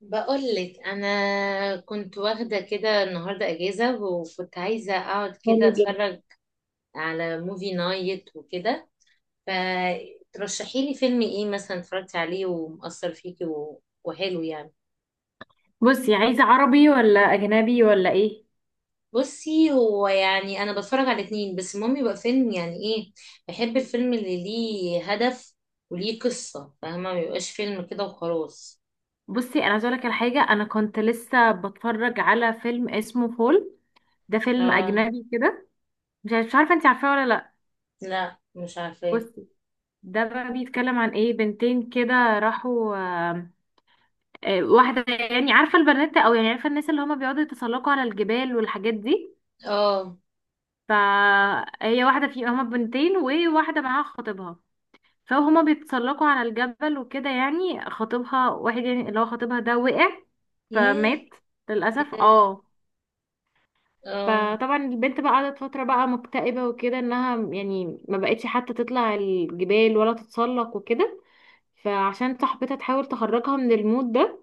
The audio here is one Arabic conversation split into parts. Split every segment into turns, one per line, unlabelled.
بقولك، انا كنت واخده كده النهارده اجازه، وكنت عايزه اقعد كده
حلو جدا.
اتفرج على موفي نايت وكده. فترشحي لي فيلم ايه مثلا اتفرجتي عليه ومأثر فيكي و- وحلو يعني؟
بصي، عايزة عربي ولا أجنبي ولا إيه؟
بصي، هو يعني انا بتفرج على اتنين، بس المهم يبقى فيلم يعني ايه. بحب الفيلم اللي ليه هدف وليه قصه، فاهمه، ما يبقاش فيلم كده وخلاص.
بصي أنا عايزة أقولك على حاجة. أنا كنت لسه بتفرج على فيلم اسمه فول. ده فيلم
لا،
أجنبي كده. مش عارفة أنت عارفاه ولا لأ؟
لا، مش عارفه.
بصي، ده بقى بيتكلم عن إيه؟ بنتين كده راحوا واحدة، يعني عارفة البنات، أو يعني عارفة الناس اللي هما بيقعدوا يتسلقوا على الجبال والحاجات دي.
اه.
فهي واحدة، في هما بنتين وواحدة معاها خطيبها. فهما بيتسلقوا على الجبل وكده، يعني خطيبها، واحد يعني اللي هو خطيبها ده وقع
ياه.
فمات للأسف،
اه.
اه.
اه.
فطبعا البنت بقى قعدت فترة بقى مكتئبة وكده، انها يعني ما بقتش حتى تطلع الجبال ولا تتسلق وكده. فعشان صاحبتها تحاول تخرجها من المود ده،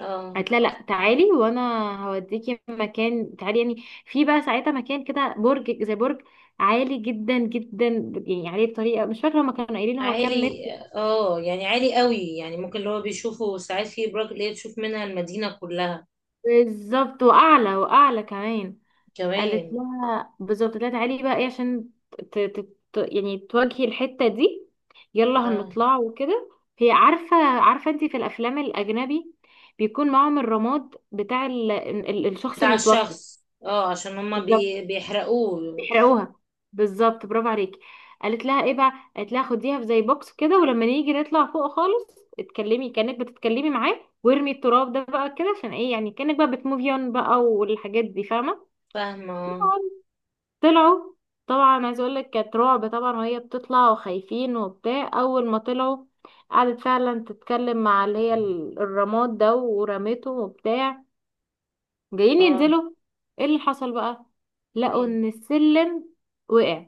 آه.
قالت لها لا تعالي، وانا هوديكي مكان. تعالي يعني، في بقى ساعتها مكان كده، برج زي برج عالي جدا جدا، يعني عليه بطريقة مش فاكرة هما كانوا قايلين هو كام متر.
عالي. اه، يعني عالي قوي، يعني ممكن اللي هو بيشوفه ساعات في ابراج اللي هي تشوف منها المدينة كلها.
بالظبط، واعلى واعلى كمان. قالت
كمان.
لها بالظبط، قالت لها تعالي بقى ايه عشان ت... ت... يعني تواجهي الحتة دي، يلا
آه.
هنطلع وكده. هي عارفة عارفة، انت في الافلام الاجنبي بيكون معاهم الرماد بتاع الشخص
بتاع
اللي توفى.
الشخص، اه، عشان هما
بالظبط،
بيحرقوه.
بيحرقوها. بالظبط، برافو عليكي. قالت لها ايه بقى؟ قالت لها خديها في زي بوكس كده، ولما نيجي نطلع فوق خالص اتكلمي كانك بتتكلمي معاه، وارمي التراب ده بقى كده، عشان ايه يعني كانك بقى بتموفي اون بقى والحاجات دي، فاهمه.
فاهمة. اه.
طلعوا، طبعا عايزه اقول لك كانت رعب طبعا، وهي بتطلع وخايفين وبتاع. اول ما طلعوا قعدت فعلا تتكلم مع اللي هي الرماد ده، ورميته وبتاع. جايين
اه.
ينزلوا، ايه اللي حصل بقى؟ لقوا
إيه.
ان السلم وقع.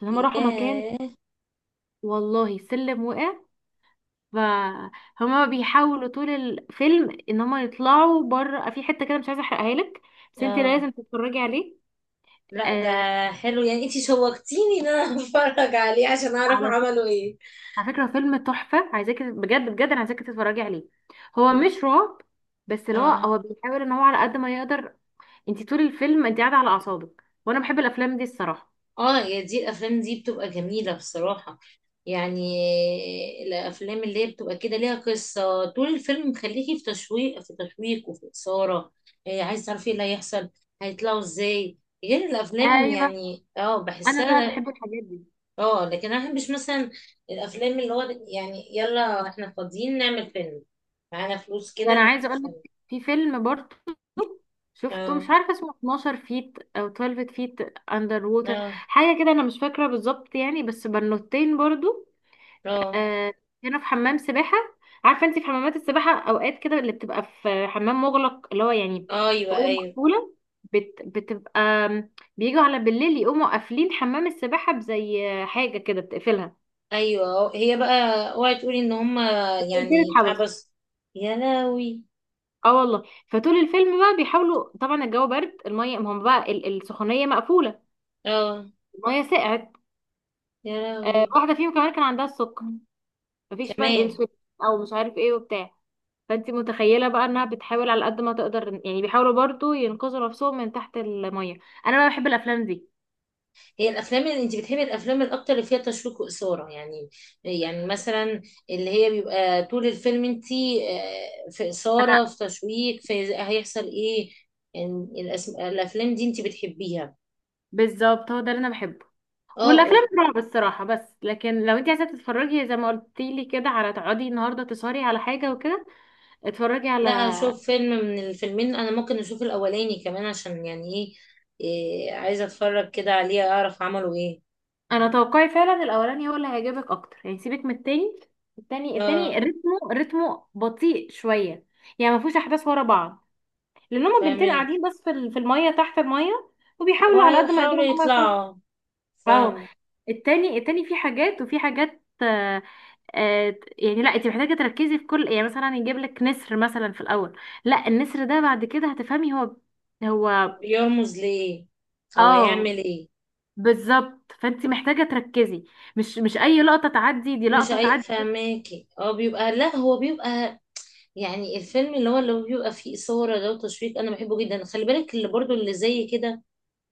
فهم راحوا مكان.
ياه.
والله السلم وقع. فهما بيحاولوا طول الفيلم ان هما يطلعوا بره في حته كده. مش عايزه احرقها لك، بس انت
اه.
لازم تتفرجي عليه.
لا، ده
آه.
حلو يعني، انتي شوقتيني ان انا اتفرج عليه عشان اعرف
على ف-
عملوا ايه.
على فكره فيلم تحفه، عايزاكي بجد بجد، انا عايزاكي تتفرجي عليه. هو مش رعب، بس اللي هو
اه.
هو بيحاول ان هو على قد ما يقدر. انت طول الفيلم انت قاعده على اعصابك، وانا بحب الافلام دي الصراحه.
اه، يا دي الافلام دي بتبقى جميله بصراحه يعني. الافلام اللي هي بتبقى كده ليها قصه، طول الفيلم مخليكي في تشويق في تشويق وفي اثاره. إيه، عايز تعرفي ايه اللي هيحصل، هيطلعوا ازاي، غير الافلام
ايوه،
يعني، اه،
انا بقى
بحسها.
بحب الحاجات دي.
اه، لكن انا مش مثلا الافلام اللي هو، يعني يلا احنا فاضيين نعمل فيلم، معانا فلوس
ده
كده
انا
نعمل
عايزه اقول لك
فيلم.
في فيلم برضه شفته،
اه.
مش عارفه اسمه 12 فيت او 12 فيت اندر ووتر،
اه.
حاجه كده انا مش فاكره بالظبط يعني، بس بنوتين برضه.
اه.
آه. كانوا في حمام سباحه. عارفه انت في حمامات السباحه اوقات كده اللي بتبقى في حمام مغلق، اللي هو يعني
آه،
في
ايوه،
اوضه
ايوه.
مقفوله. بتبقى بيجوا على بالليل يقوموا قافلين حمام السباحه بزي حاجه كده بتقفلها.
ايوه، هي بقى اوعي تقولي ان هما
كنت.
يعني اتحبس؟ يا لهوي.
اه والله. فطول الفيلم بقى بيحاولوا طبعا، الجو برد، الميه ما هم بقى السخونيه مقفوله،
اه،
الميه سقعت.
يا لهوي.
واحده فيهم كمان كان عندها السكر، مفيش بقى
كمان.
الانسولين او مش عارف ايه وبتاع. فانت متخيله بقى انها بتحاول على قد ما تقدر، يعني بيحاولوا برضو ينقذوا نفسهم من تحت الميه. انا بقى بحب الافلام دي.
هي الافلام اللي انت بتحبي الافلام الاكتر اللي فيها تشويق واثاره يعني مثلا اللي هي بيبقى طول الفيلم انت، في
انا
اثاره في تشويق في هيحصل ايه يعني. الافلام دي انت بتحبيها.
بالظبط، هو ده اللي انا بحبه.
اه.
والافلام الرعب الصراحه. بس لكن لو انت عايزه تتفرجي زي ما قلتي لي كده على تقعدي النهارده تسهري على حاجه وكده، اتفرجي على.
لا، اشوف فيلم من الفيلمين، انا ممكن اشوف الاولاني كمان عشان يعني إيه، عايزه اتفرج كده عليه اعرف عملوا ايه.
انا توقعي فعلا الاولاني هو اللي هيعجبك اكتر، يعني سيبك من التاني. التاني
اه،
رتمه بطيء شويه، يعني ما فيهوش احداث ورا بعض، لان هما بنتين
فاهمك.
قاعدين بس في الميه، تحت الميه، وبيحاولوا على قد ما يقدروا
وهيحاولوا
ان هما يخرجوا.
يطلعوا،
اه.
فاهم.
التاني فيه حاجات وفي حاجات. يعني لا، انت محتاجه تركزي في كل، يعني مثلا يجيب لك نسر مثلا في الاول، لا النسر ده بعد كده هتفهمي هو هو
بيرمز ليه او
اه،
هيعمل ايه.
بالظبط. فانت محتاجه تركزي، مش اي لقطه تعدي، دي
مش
لقطه
اي،
تعدي.
فاهماكي، هو بيبقى، لا، هو بيبقى، يعني الفيلم اللي هو بيبقى فيه اثاره ده وتشويق، انا بحبه جدا. خلي بالك اللي برضو اللي زي كده،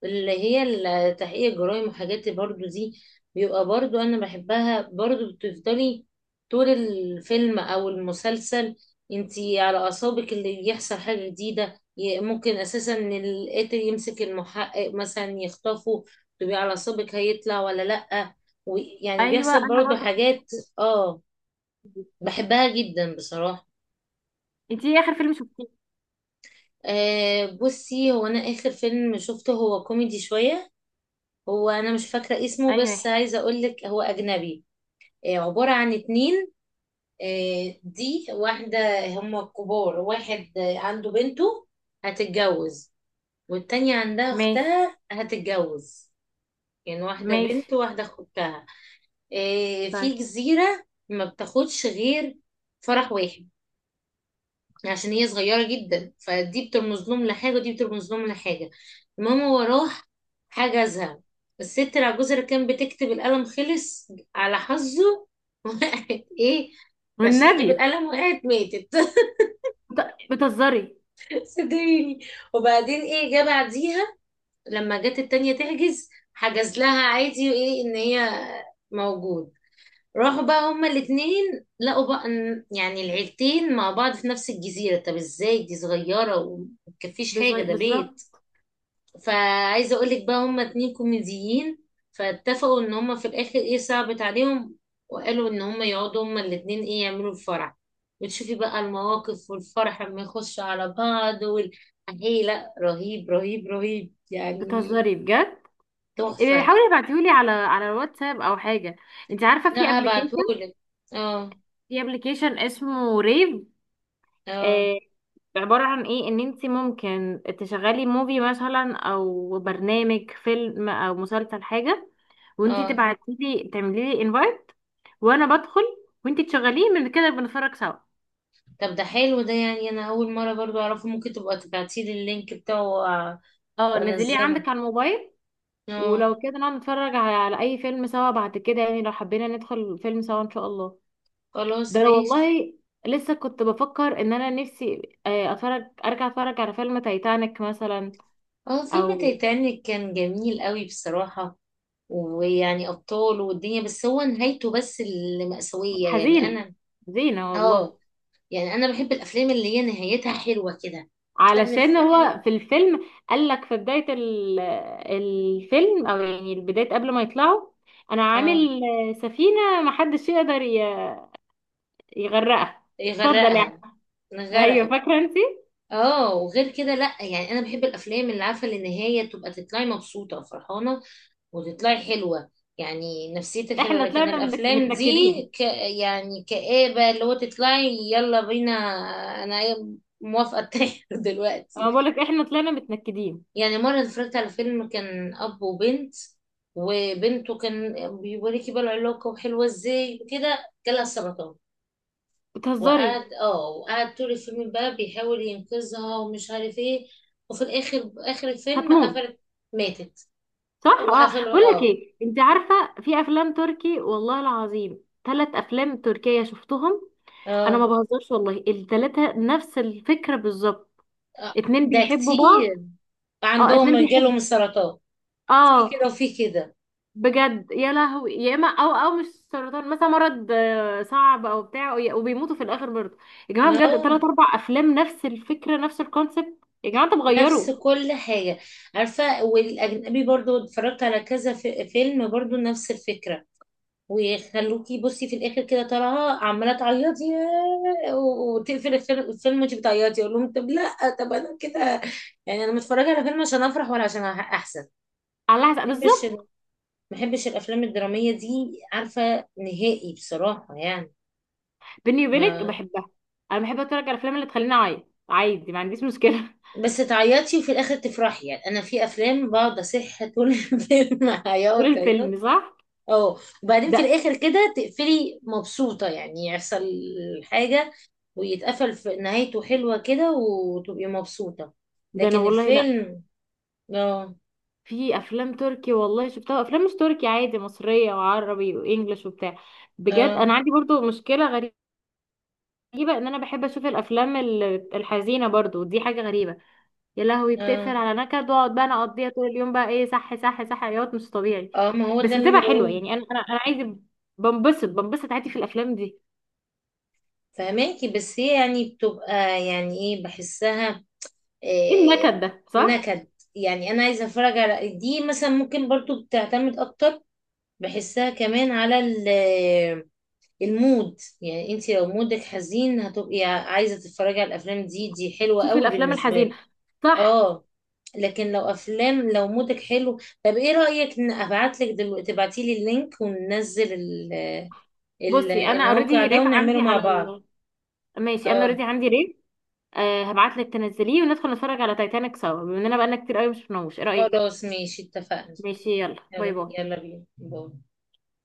اللي هي التحقيق الجرائم وحاجات برضو دي، بيبقى برضو انا بحبها برضو. بتفضلي طول الفيلم او المسلسل انتي على اعصابك، اللي يحصل حاجة جديدة، ممكن اساسا ان القاتل يمسك المحقق مثلا يخطفه، تبقي على اعصابك هيطلع ولا لأ، ويعني
ايوه
بيحصل
انا
برضو
برضو بحب
حاجات. اه،
دي.
بحبها جدا بصراحة.
انت ايه اخر فيلم شفتيه؟
آه، بصي، هو انا اخر فيلم شفته هو كوميدي شوية. هو انا مش فاكره اسمه،
اي
بس
واحد.
عايزه اقول لك، هو اجنبي. آه، عباره عن اتنين. آه، دي واحده هم كبار، واحد عنده بنته هتتجوز، والتانية عندها
ماشي.
اختها هتتجوز، يعني واحده
ماشي.
بنت وواحده اختها. آه، في
طيب.
جزيره. ما بتاخدش غير فرح واحد عشان هي صغيرة جدا، فدي بترمز لهم لحاجة ودي بترمز لهم لحاجة. المهم، هو راح حجزها الست العجوزة اللي كانت بتكتب، القلم خلص على حظه وقعت ايه عشان تجيب
والنبي.
القلم، وقعت ماتت
بتهزري.
صدقيني. وبعدين ايه جه بعديها؟ لما جت التانية تحجز، حجز لها عادي، وايه ان هي موجود. راحوا بقى هما الاتنين لقوا بقى، يعني العيلتين مع بعض في نفس الجزيرة، طب ازاي دي صغيرة ومتكفيش حاجة، ده
بالظبط.
بيت. فعايزة اقولك بقى هما اتنين كوميديين، فاتفقوا ان هما في الاخر ايه، صعبت عليهم، وقالوا ان هما يقعدوا هما الاتنين ايه يعملوا الفرح، وتشوفي بقى المواقف والفرح لما يخش على بعض ايه، لا، رهيب، رهيب، رهيب يعني.
بتهزري بجد؟ إيه،
تحفة.
حاولي ابعتيهولي على الواتساب او حاجه. انت عارفه
لا،
في ابلكيشن،
ابعتهولك. اه.
اسمه ريف.
اه.
آه. عباره عن ايه؟ ان انت ممكن تشغلي موفي مثلا، او برنامج فيلم او مسلسل حاجه، وانت
اه.
تبعتيلي تعملي لي انفايت، وانا بدخل وانت تشغليه، من كده بنتفرج سوا.
طب ده حلو، ده يعني انا اول مره برضو اعرفه، ممكن تبقى تبعتيلي اللينك بتاعه وأ-
اه، نزليه
وانزله.
عندك على الموبايل.
اه،
ولو كده نقعد نتفرج على اي فيلم سوا بعد كده يعني، لو حبينا ندخل فيلم سوا ان شاء الله.
خلاص
ده أنا
ماشي.
والله لسه كنت بفكر ان انا نفسي اتفرج، ارجع اتفرج على فيلم تايتانيك مثلا.
اه، فيلم
او
تايتانيك كان جميل قوي بصراحه، ويعني ابطال والدنيا، بس هو نهايته بس اللي مأساويه، يعني
حزينة،
انا.
حزينة والله.
اه، يعني انا بحب الافلام اللي هي نهايتها حلوه كده.
علشان
الفيلم.
هو في الفيلم قال لك في بداية الفيلم، او يعني بداية قبل ما يطلعوا، انا
اه،
عامل سفينة محدش يقدر يغرقها، اتفضل يعني.
يغرقها.
ايوه،
نغرقه.
فاكرة انت؟
اه، وغير كده لا يعني انا بحب الافلام اللي عارفه اللي النهايه تبقى تطلعي مبسوطه وفرحانه وتطلعي حلوة، يعني نفسيتك حلوة.
احنا
لكن
طلعنا
الأفلام دي،
متنكدين.
ك... يعني كآبة، اللي هو تطلعي يلا بينا. أنا موافقة أتاخر دلوقتي.
انا بقول لك احنا طلعنا متنكدين.
يعني مرة اتفرجت على فيلم كان أب وبنت، وبنته كان بيوريكي بقى العلاقة وحلوة ازاي وكده، جالها سرطان، وقعد
بتهزري.
اه وقعد طول الفيلم بقى بيحاول ينقذها ومش عارف ايه، وفي الآخر آخر الفيلم
هتموت.
قفلت، ماتت
صح. اه،
وقفلوا.
بقول لك
اه.
ايه؟ انت عارفه في افلام تركي والله العظيم 3 افلام تركيه شفتهم. انا
اه.
ما بهزرش والله، ال3 نفس الفكره بالظبط.
آه،
اتنين
ده
بيحبوا بعض.
كتير،
اه،
عندهم
اتنين
جالهم
بيحب.
السرطان، في
اه.
كده وفي كده.
بجد، يا لهوي. يا اما، او مش سرطان مثلا، مرض صعب او بتاع، وبيموتوا في الاخر برضه. يا جماعه بجد،
No.
3 4 افلام نفس الفكره نفس الكونسيبت. يا جماعه انتوا
نفس
بتغيروا.
كل حاجة. عارفة، والأجنبي برضو اتفرجت على كذا في فيلم برضو نفس الفكرة، ويخلوكي بصي في الآخر كده طالعة عمالة تعيطي، ياه، و- وتقفل الفيلم وانتي بتعيطي، أقول لهم طب لأ، طب أنا كده يعني، أنا متفرجة على فيلم عشان أفرح ولا عشان أحزن؟
الله حسب
ما بحبش
بالظبط.
الأفلام الدرامية دي، عارفة، نهائي بصراحة يعني.
بيني وبينك
ما
بحبها. انا بحب اتفرج على الافلام اللي تخليني اعيط عادي، ما عنديش مشكله.
بس تعيطي وفي الاخر تفرحي، يعني انا في افلام بقعد اصح طول الفيلم
طول
عياط
الفيلم،
عياط.
صح.
اه. وبعدين في
ده
الاخر كده تقفلي مبسوطه، يعني يحصل حاجه ويتقفل في نهايته حلوه كده وتبقي مبسوطه.
ده انا
لكن
والله لا.
الفيلم. اه.
في افلام تركي والله شفتها، افلام مش تركي عادي، مصريه وعربي وانجلش وبتاع. بجد
اه.
انا عندي برضو مشكله غريبه، ان انا بحب اشوف الافلام الحزينه برضو، دي حاجه غريبه. يا لهوي،
اه.
بتقفل على نكد واقعد بقى انا اقضيها طول اليوم بقى ايه، صح صح صح، عياط مش طبيعي.
اه، ما هو ده
بس
اللي انا
بتبقى حلوه
بقوله.
يعني، انا عايزه. بنبسط بنبسط عادي في الافلام دي.
فهماكي، بس هي يعني بتبقى، يعني ايه، بحسها.
ايه
إيه.
النكد ده، صح؟
نكد. يعني انا عايزه اتفرج على دي مثلا، ممكن برضو بتعتمد اكتر، بحسها كمان على المود. يعني انت لو مودك حزين هتبقي عايزة تتفرجي على الافلام دي، دي حلوة
شوفي
قوي
الافلام
بالنسبة لي.
الحزينه، صح.
اه، لكن لو افلام لو مودك حلو، طب ايه رأيك ان ابعت لك دلوقتي، تبعتي لي اللينك وننزل
بصي، انا
الموقع
اوريدي
ده
ريف
ونعمله
عندي
مع
على
بعض.
ال... ماشي انا
اه،
اوريدي عندي ريف. أه، هبعت لك تنزليه وندخل نتفرج على تايتانيك سوا، بما اننا بقالنا كتير قوي مش شفناهوش، ايه رايك؟
خلاص ماشي اتفقنا.
ماشي. يلا باي
يلا،
باي.
يلا بينا، باي.